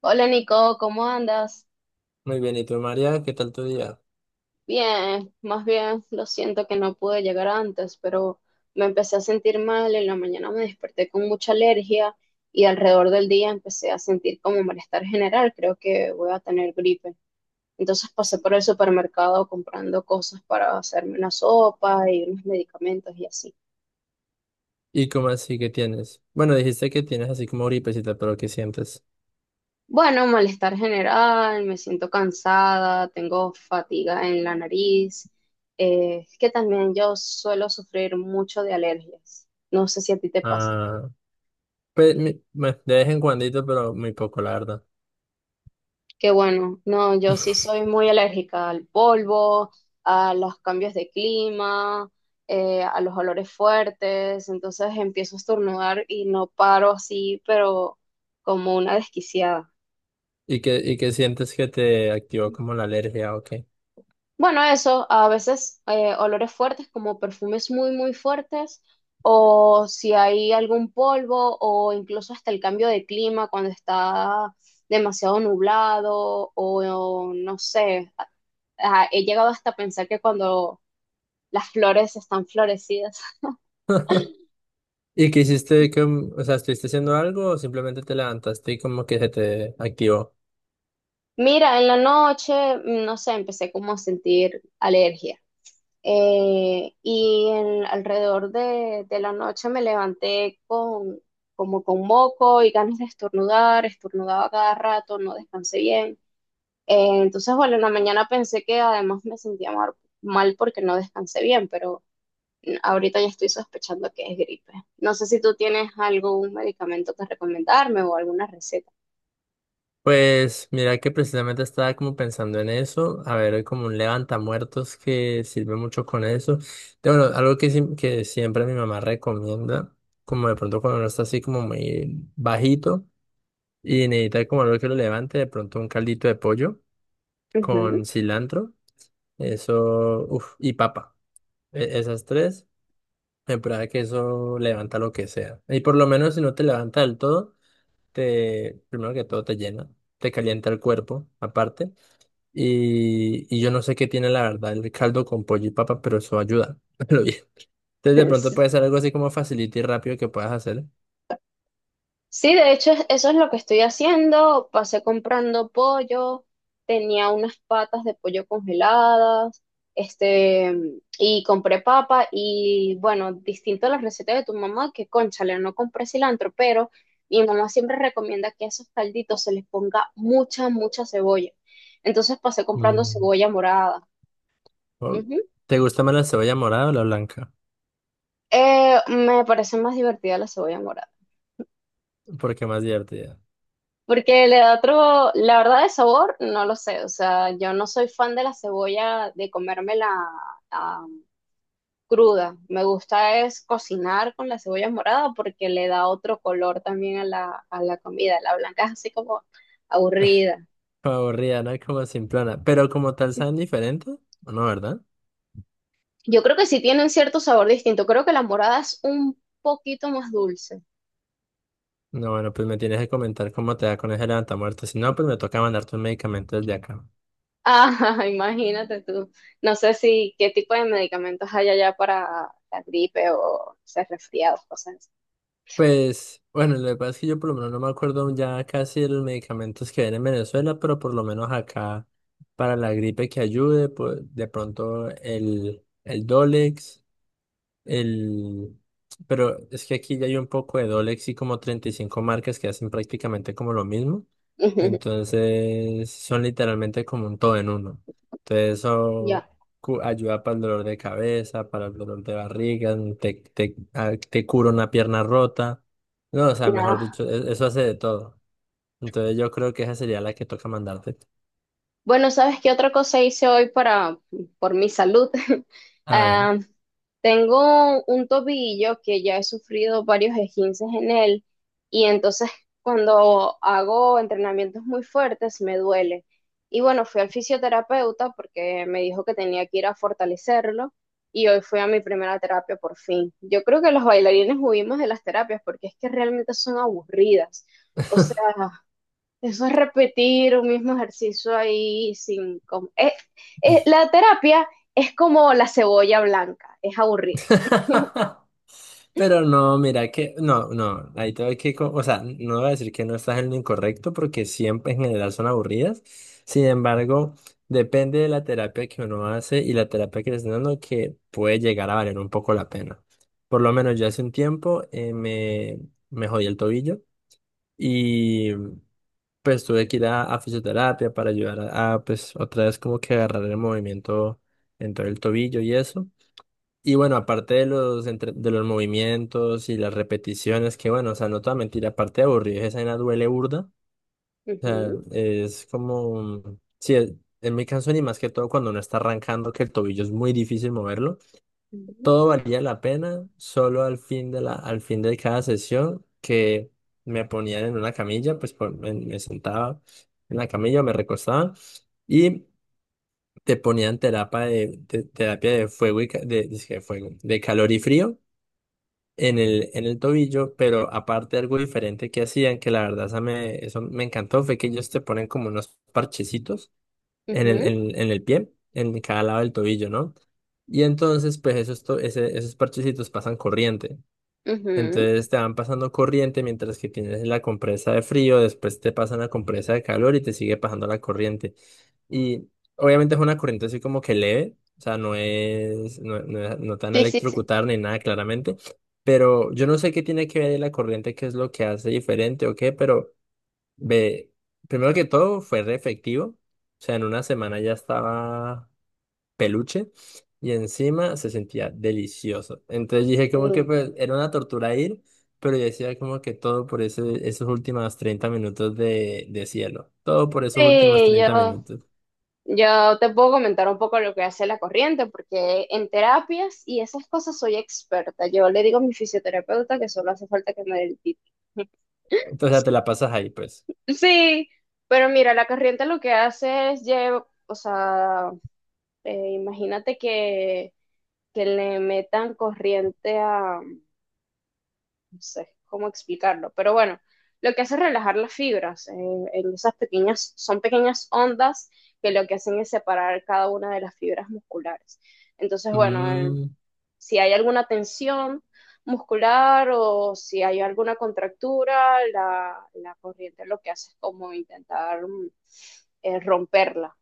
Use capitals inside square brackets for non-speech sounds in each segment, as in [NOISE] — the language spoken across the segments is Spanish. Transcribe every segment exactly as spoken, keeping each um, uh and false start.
Hola Nico, ¿cómo andas? Muy bien, ¿y tú, María? ¿Qué tal tu día? Bien, más bien, lo siento que no pude llegar antes, pero me empecé a sentir mal, en la mañana me desperté con mucha alergia y alrededor del día empecé a sentir como malestar general, creo que voy a tener gripe. Entonces pasé por el supermercado comprando cosas para hacerme una sopa y unos medicamentos y así. ¿Y cómo así que tienes? Bueno, dijiste que tienes así como gripecita, pero ¿qué sientes? Bueno, malestar general, me siento cansada, tengo fatiga en la nariz, eh, es que también yo suelo sufrir mucho de alergias. No sé si a ti te pasa. Ah, pues, mi- bueno, de vez en cuandito, pero muy poco, la verdad. Que bueno, no, yo sí [LAUGHS] soy muy alérgica al polvo, a los cambios de clima, eh, a los olores fuertes, entonces empiezo a estornudar y no paro así, pero como una desquiciada. ¿Y qué, y qué sientes que te activó como la alergia o qué? Bueno, eso, a veces eh, olores fuertes como perfumes muy, muy fuertes, o si hay algún polvo, o incluso hasta el cambio de clima cuando está demasiado nublado, o, no sé, a- a- he llegado hasta a pensar que cuando las flores están florecidas. [LAUGHS] [LAUGHS] ¿Y qué hiciste? Que, o sea, ¿estuviste haciendo algo o simplemente te levantaste y como que se te activó? Mira, en la noche, no sé, empecé como a sentir alergia. Eh, y en- alrededor de, de la noche me levanté con, como con moco y ganas de estornudar, estornudaba cada rato, no descansé bien. Eh, entonces, bueno, en la mañana pensé que además me sentía mar- mal porque no descansé bien, pero mm, ahorita ya estoy sospechando que es gripe. No sé si tú tienes algún medicamento que recomendarme o alguna receta. Pues mira que precisamente estaba como pensando en eso, a ver, hay como un levantamuertos que sirve mucho con eso. De, bueno, algo que, sim- que siempre mi mamá recomienda, como de pronto cuando uno está así como muy bajito y necesita como algo que lo levante, de pronto un caldito de pollo con Ujú. cilantro, eso, uf, y papa. E- esas tres, me prueba que eso levanta lo que sea. Y por lo menos si no te levanta del todo, te, primero que todo te llena, te calienta el cuerpo aparte. Y, y yo no sé qué tiene la verdad el caldo con pollo y papa, pero eso ayuda. [LAUGHS] Pero bien. Entonces de pronto puede ser [LAUGHS] algo así como facilito y rápido que puedas hacer. Sí, de hecho, es- eso es lo que estoy haciendo. Pasé comprando pollo, tenía unas patas de pollo congeladas, este, y compré papa y bueno, distinto a las recetas de tu mamá, que cónchale, no compré cilantro, pero mi mamá siempre recomienda que a esos calditos se les ponga mucha, mucha cebolla. Entonces pasé comprando Mm, cebolla morada. o- Ujú. ¿Te gusta más la cebolla morada o la blanca? Eh, me parece más divertida la cebolla morada. Porque más divertida. Porque le da otro, la verdad de sabor, no lo sé. O sea, yo no soy fan de la cebolla, de comérmela ah, cruda. Me gusta es cocinar con la cebolla morada porque le da otro color también a la, a la comida. La blanca es así como aburrida. Aburrida, ¿no? Como simplona. Pero como tal saben diferente. No, ¿verdad? Yo creo que sí tienen cierto sabor distinto. Creo que la morada es un poquito más dulce. No, bueno, pues me tienes que comentar cómo te da con ese levantamuertos. Si no, pues me toca mandarte un medicamento desde acá. Ah, [LAUGHS] imagínate tú. No sé si qué tipo de medicamentos hay allá para la gripe o ser resfriados, cosas Pues, bueno, lo que pasa es que yo por lo menos no me acuerdo ya casi de los medicamentos que ven en Venezuela, pero por lo menos acá para la gripe que ayude, pues de pronto el, el Dolex. El... Pero es que aquí ya hay un poco de Dolex y como treinta y cinco marcas que hacen prácticamente como lo mismo. así. [LAUGHS] Entonces son literalmente como un todo en uno. Entonces eso Ya. cu- ayuda para el dolor de cabeza, para el dolor de barriga, te, te, ah, te cura una pierna rota. No, o sea, No. mejor dicho, e- eso hace de todo. Entonces yo creo que esa sería la que toca mandarte. Bueno, ¿sabes qué otra cosa hice hoy para, por mi salud? [LAUGHS] A ver. Ah, tengo un tobillo que ya he sufrido varios esguinces en él y entonces cuando hago entrenamientos muy fuertes me duele. Y bueno, fui al fisioterapeuta porque me dijo que tenía que ir a fortalecerlo y hoy fui a mi primera terapia por fin. Yo creo que los bailarines huimos de las terapias porque es que realmente son aburridas. O sea, eso es repetir un mismo ejercicio ahí sin com- eh, eh, la terapia es como la cebolla blanca, es aburrida. [LAUGHS] Pero no, mira que, no, no, ahí te voy que, co- o sea, no voy a decir que no estás en lo incorrecto porque siempre en general son aburridas. Sin embargo, depende de la terapia que uno hace y la terapia que le están dando que puede llegar a valer un poco la pena. Por lo menos yo hace un tiempo eh, me, me jodí el tobillo y pues tuve que ir a, a fisioterapia para ayudar a, a, pues otra vez como que agarrar el movimiento en todo el tobillo y eso. Y bueno, aparte de los, entre- de los movimientos y las repeticiones, que bueno, o sea, no toda mentira, aparte de aburrido, esa vaina duele burda. O sea, Ujú, es como, sí, es- en mi caso ni más que todo cuando uno está arrancando, que el tobillo es muy difícil moverlo, ujú, todo valía la pena, solo al fin de la, al fin de cada sesión que me ponían en una camilla, pues por- me, me sentaba en la camilla, me recostaba y te ponían terapia de, te- terapia de fuego y ca- de, dizque de fuego, de calor y frío en el, en el tobillo, pero aparte algo diferente que hacían, que la verdad esa me, eso me encantó, fue que ellos te ponen como unos parchecitos en el, ujú, en, en el pie, en cada lado del tobillo, ¿no? Y entonces, pues esos, to- ese- esos parchecitos pasan corriente. ujú. Entonces te van pasando corriente mientras que tienes la compresa de frío, después te pasan la compresa de calor y te sigue pasando la corriente. Y obviamente es una corriente así como que leve, o sea, no es, no, no, es- no te van a Sí, sí, sí. electrocutar ni nada claramente, pero yo no sé qué tiene que ver la corriente, qué es lo que hace diferente o qué, pero ve, primero que todo fue re efectivo, o sea, en una semana ya estaba peluche y encima se sentía delicioso. Entonces dije como que Sí, pues era una tortura ir, pero yo decía como que todo por ese, esos últimos treinta minutos de de cielo, todo por esos últimos sí, treinta yo, minutos. yo te puedo comentar un poco lo que hace la corriente, porque en terapias y esas cosas soy experta. Yo le digo a mi fisioterapeuta que solo hace falta que me dé el título. [LAUGHS] Entonces te la pasas ahí pues. Sí, pero mira, la corriente lo que hace es llevar, o sea, eh, imagínate que, que le metan corriente a, no sé cómo explicarlo, pero bueno, lo que hace es relajar las fibras, eh, en esas pequeñas, son pequeñas ondas que lo que hacen es separar cada una de las fibras musculares. Entonces, bueno, el- Mm. si hay alguna tensión muscular o si hay alguna contractura, la, la corriente lo que hace es como intentar mm, eh, romperla.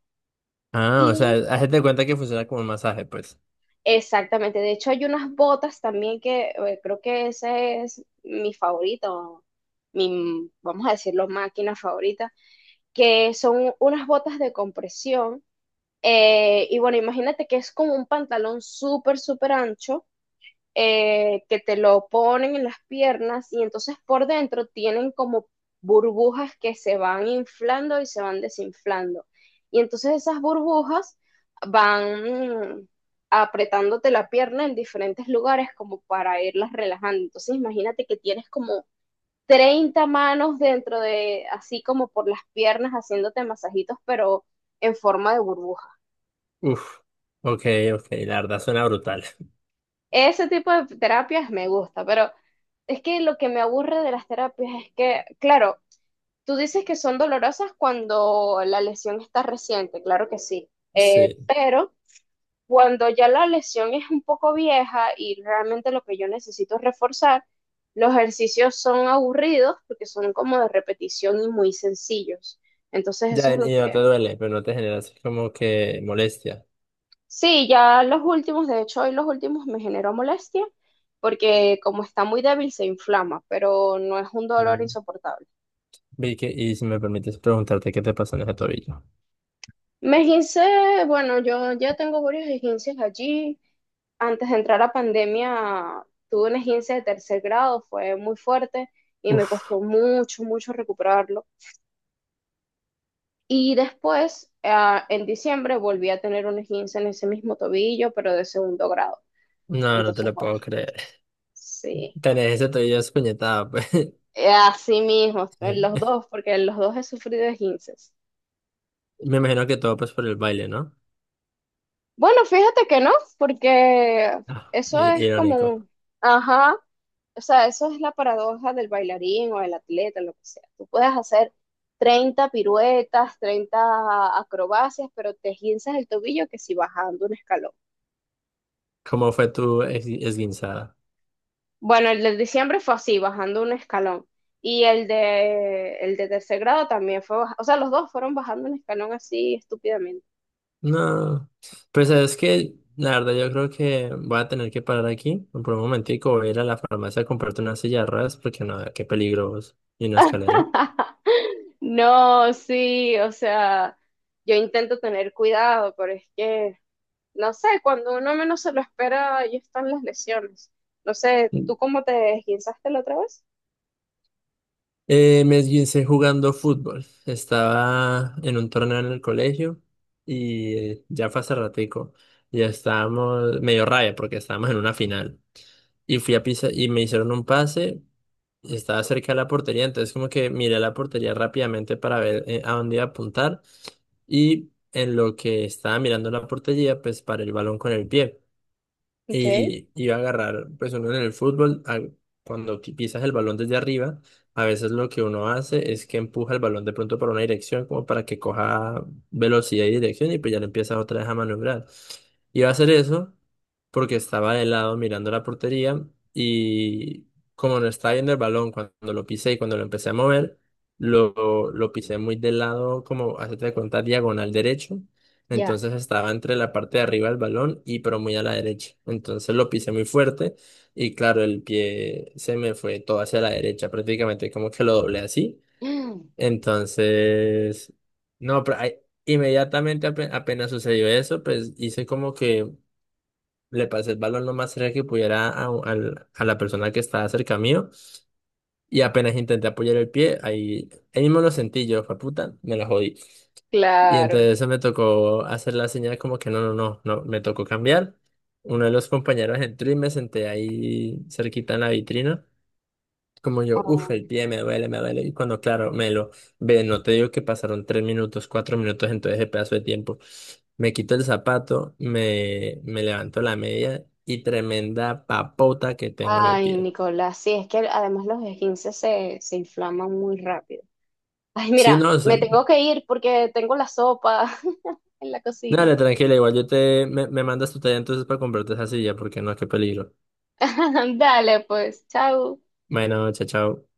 Ah, o sea, Y hazte cuenta que funciona como un masaje pues. exactamente, de hecho hay unas botas también que eh, creo que ese es mi favorito, mi, vamos a decirlo, máquina favorita, que son unas botas de compresión. eh, y bueno, imagínate que es como un pantalón súper, súper ancho eh, que te lo ponen en las piernas y entonces por dentro tienen como burbujas que se van inflando y se van desinflando. Y entonces esas burbujas van apretándote la pierna en diferentes lugares como para irlas relajando. Entonces imagínate que tienes como treinta manos dentro de, así como por las piernas, haciéndote masajitos, pero en forma de burbuja. Uf, ok, ok, la verdad suena brutal. [LAUGHS] Ese tipo de terapias me gusta, pero es que lo que me aburre de las terapias es que, claro, tú dices que son dolorosas cuando la lesión está reciente, claro que sí, eh, Sí, pero cuando ya la lesión es un poco vieja y realmente lo que yo necesito es reforzar, los ejercicios son aburridos porque son como de repetición y muy sencillos. Entonces eso ya es lo y no te que. duele, pero no te genera así como que molestia. Sí, ya los últimos, de hecho, hoy los últimos me generó molestia porque como está muy débil se inflama, pero no es un dolor Mm. insoportable. Vicky, y si me permites preguntarte qué te pasó en ese tobillo. Me esguincé, bueno, yo ya tengo varios esguinces allí. Antes de entrar a pandemia tuve un esguince de tercer grado, fue muy fuerte y me Uf. costó mucho, mucho recuperarlo. Y después, ah, en diciembre, volví a tener un esguince en ese mismo tobillo, pero de segundo grado. No, no te Entonces, lo bueno, puedo creer. sí. Tenés ese tobillo espuñetado, pues. Eh, así mismo, en los [LAUGHS] dos, porque en los dos he sufrido esguinces. Me imagino que todo pues por el baile, ¿no? Bueno, fíjate que no, porque Ah, eso i- es como irónico. un. Ajá, o sea, eso es la paradoja del bailarín o del atleta, lo que sea. Tú puedes hacer treinta piruetas, treinta acrobacias, pero te esguinces el tobillo que si bajando un escalón. ¿Cómo fue tu es- esguinzada? Bueno, el de diciembre fue así, bajando un escalón. Y el de, el de tercer grado también fue, baja- o sea, los dos fueron bajando un escalón así estúpidamente. No. Pues es que, la verdad, yo creo que voy a tener que parar aquí por un momentico. Voy a ir a la farmacia a comprarte una silla de ruedas porque no, qué peligro vos, y una escalera. [LAUGHS] No, sí, o sea, yo intento tener cuidado, pero es que, no sé, cuando uno menos se lo espera, ahí están las lesiones. No sé, ¿tú cómo te esguinzaste la otra vez? Eh, me esguincé jugando fútbol. Estaba en un torneo en el colegio y eh, ya fue hace ratico. Ya estábamos medio raya porque estábamos en una final. Y fui a pisa y me hicieron un pase. y Estaba cerca de la portería, entonces como que miré la portería rápidamente para ver eh, a dónde iba a apuntar. Y en lo que estaba mirando la portería, pues paré el balón con el pie Ok, y iba a agarrar, pues uno en el fútbol, al- cuando qui- pisas el balón desde arriba, a veces lo que uno hace es que empuja el balón de pronto para una dirección, como para que coja velocidad y dirección, y pues ya le empiezas otra vez a maniobrar. Iba a hacer eso porque estaba de lado mirando la portería y como no estaba viendo el balón cuando lo pisé y cuando lo empecé a mover, lo, lo pisé muy de lado, como hacerte de cuenta, diagonal derecho. ya. Entonces estaba entre la parte de arriba del balón y pero muy a la derecha. Entonces lo pisé muy fuerte y claro, el pie se me fue todo hacia la derecha, prácticamente como que lo doblé así. Mm, Entonces, no, pero ahí- inmediatamente ape- apenas sucedió eso, pues hice como que le pasé el balón lo más cerca que pudiera a, al- a la persona que estaba cerca mío y apenas intenté apoyar el pie, ahí, ahí mismo lo sentí yo, fue puta, me la jodí. Y claro. entonces me tocó hacer la señal como que no, no, no, no, me tocó cambiar. Uno de los compañeros entró y me senté ahí cerquita en la vitrina. Como yo, uff, Oh, el pie me duele, me duele. Y cuando, claro, me lo ve, no te digo que pasaron tres minutos, cuatro minutos en todo ese pedazo de tiempo. Me quito el zapato, me, me levanto la media y tremenda papota que tengo en el ay, pie. Nicolás, sí, es que además los esguinces se, se inflaman muy rápido. Ay, Sí, mira, no, me eso- tengo que ir porque tengo la sopa [LAUGHS] en la cocina. dale, tranquila, igual yo te, me, me mandas tu talla entonces para comprarte esa silla, porque no, qué peligro. [LAUGHS] Dale, pues, chao. Bueno, chao, chao.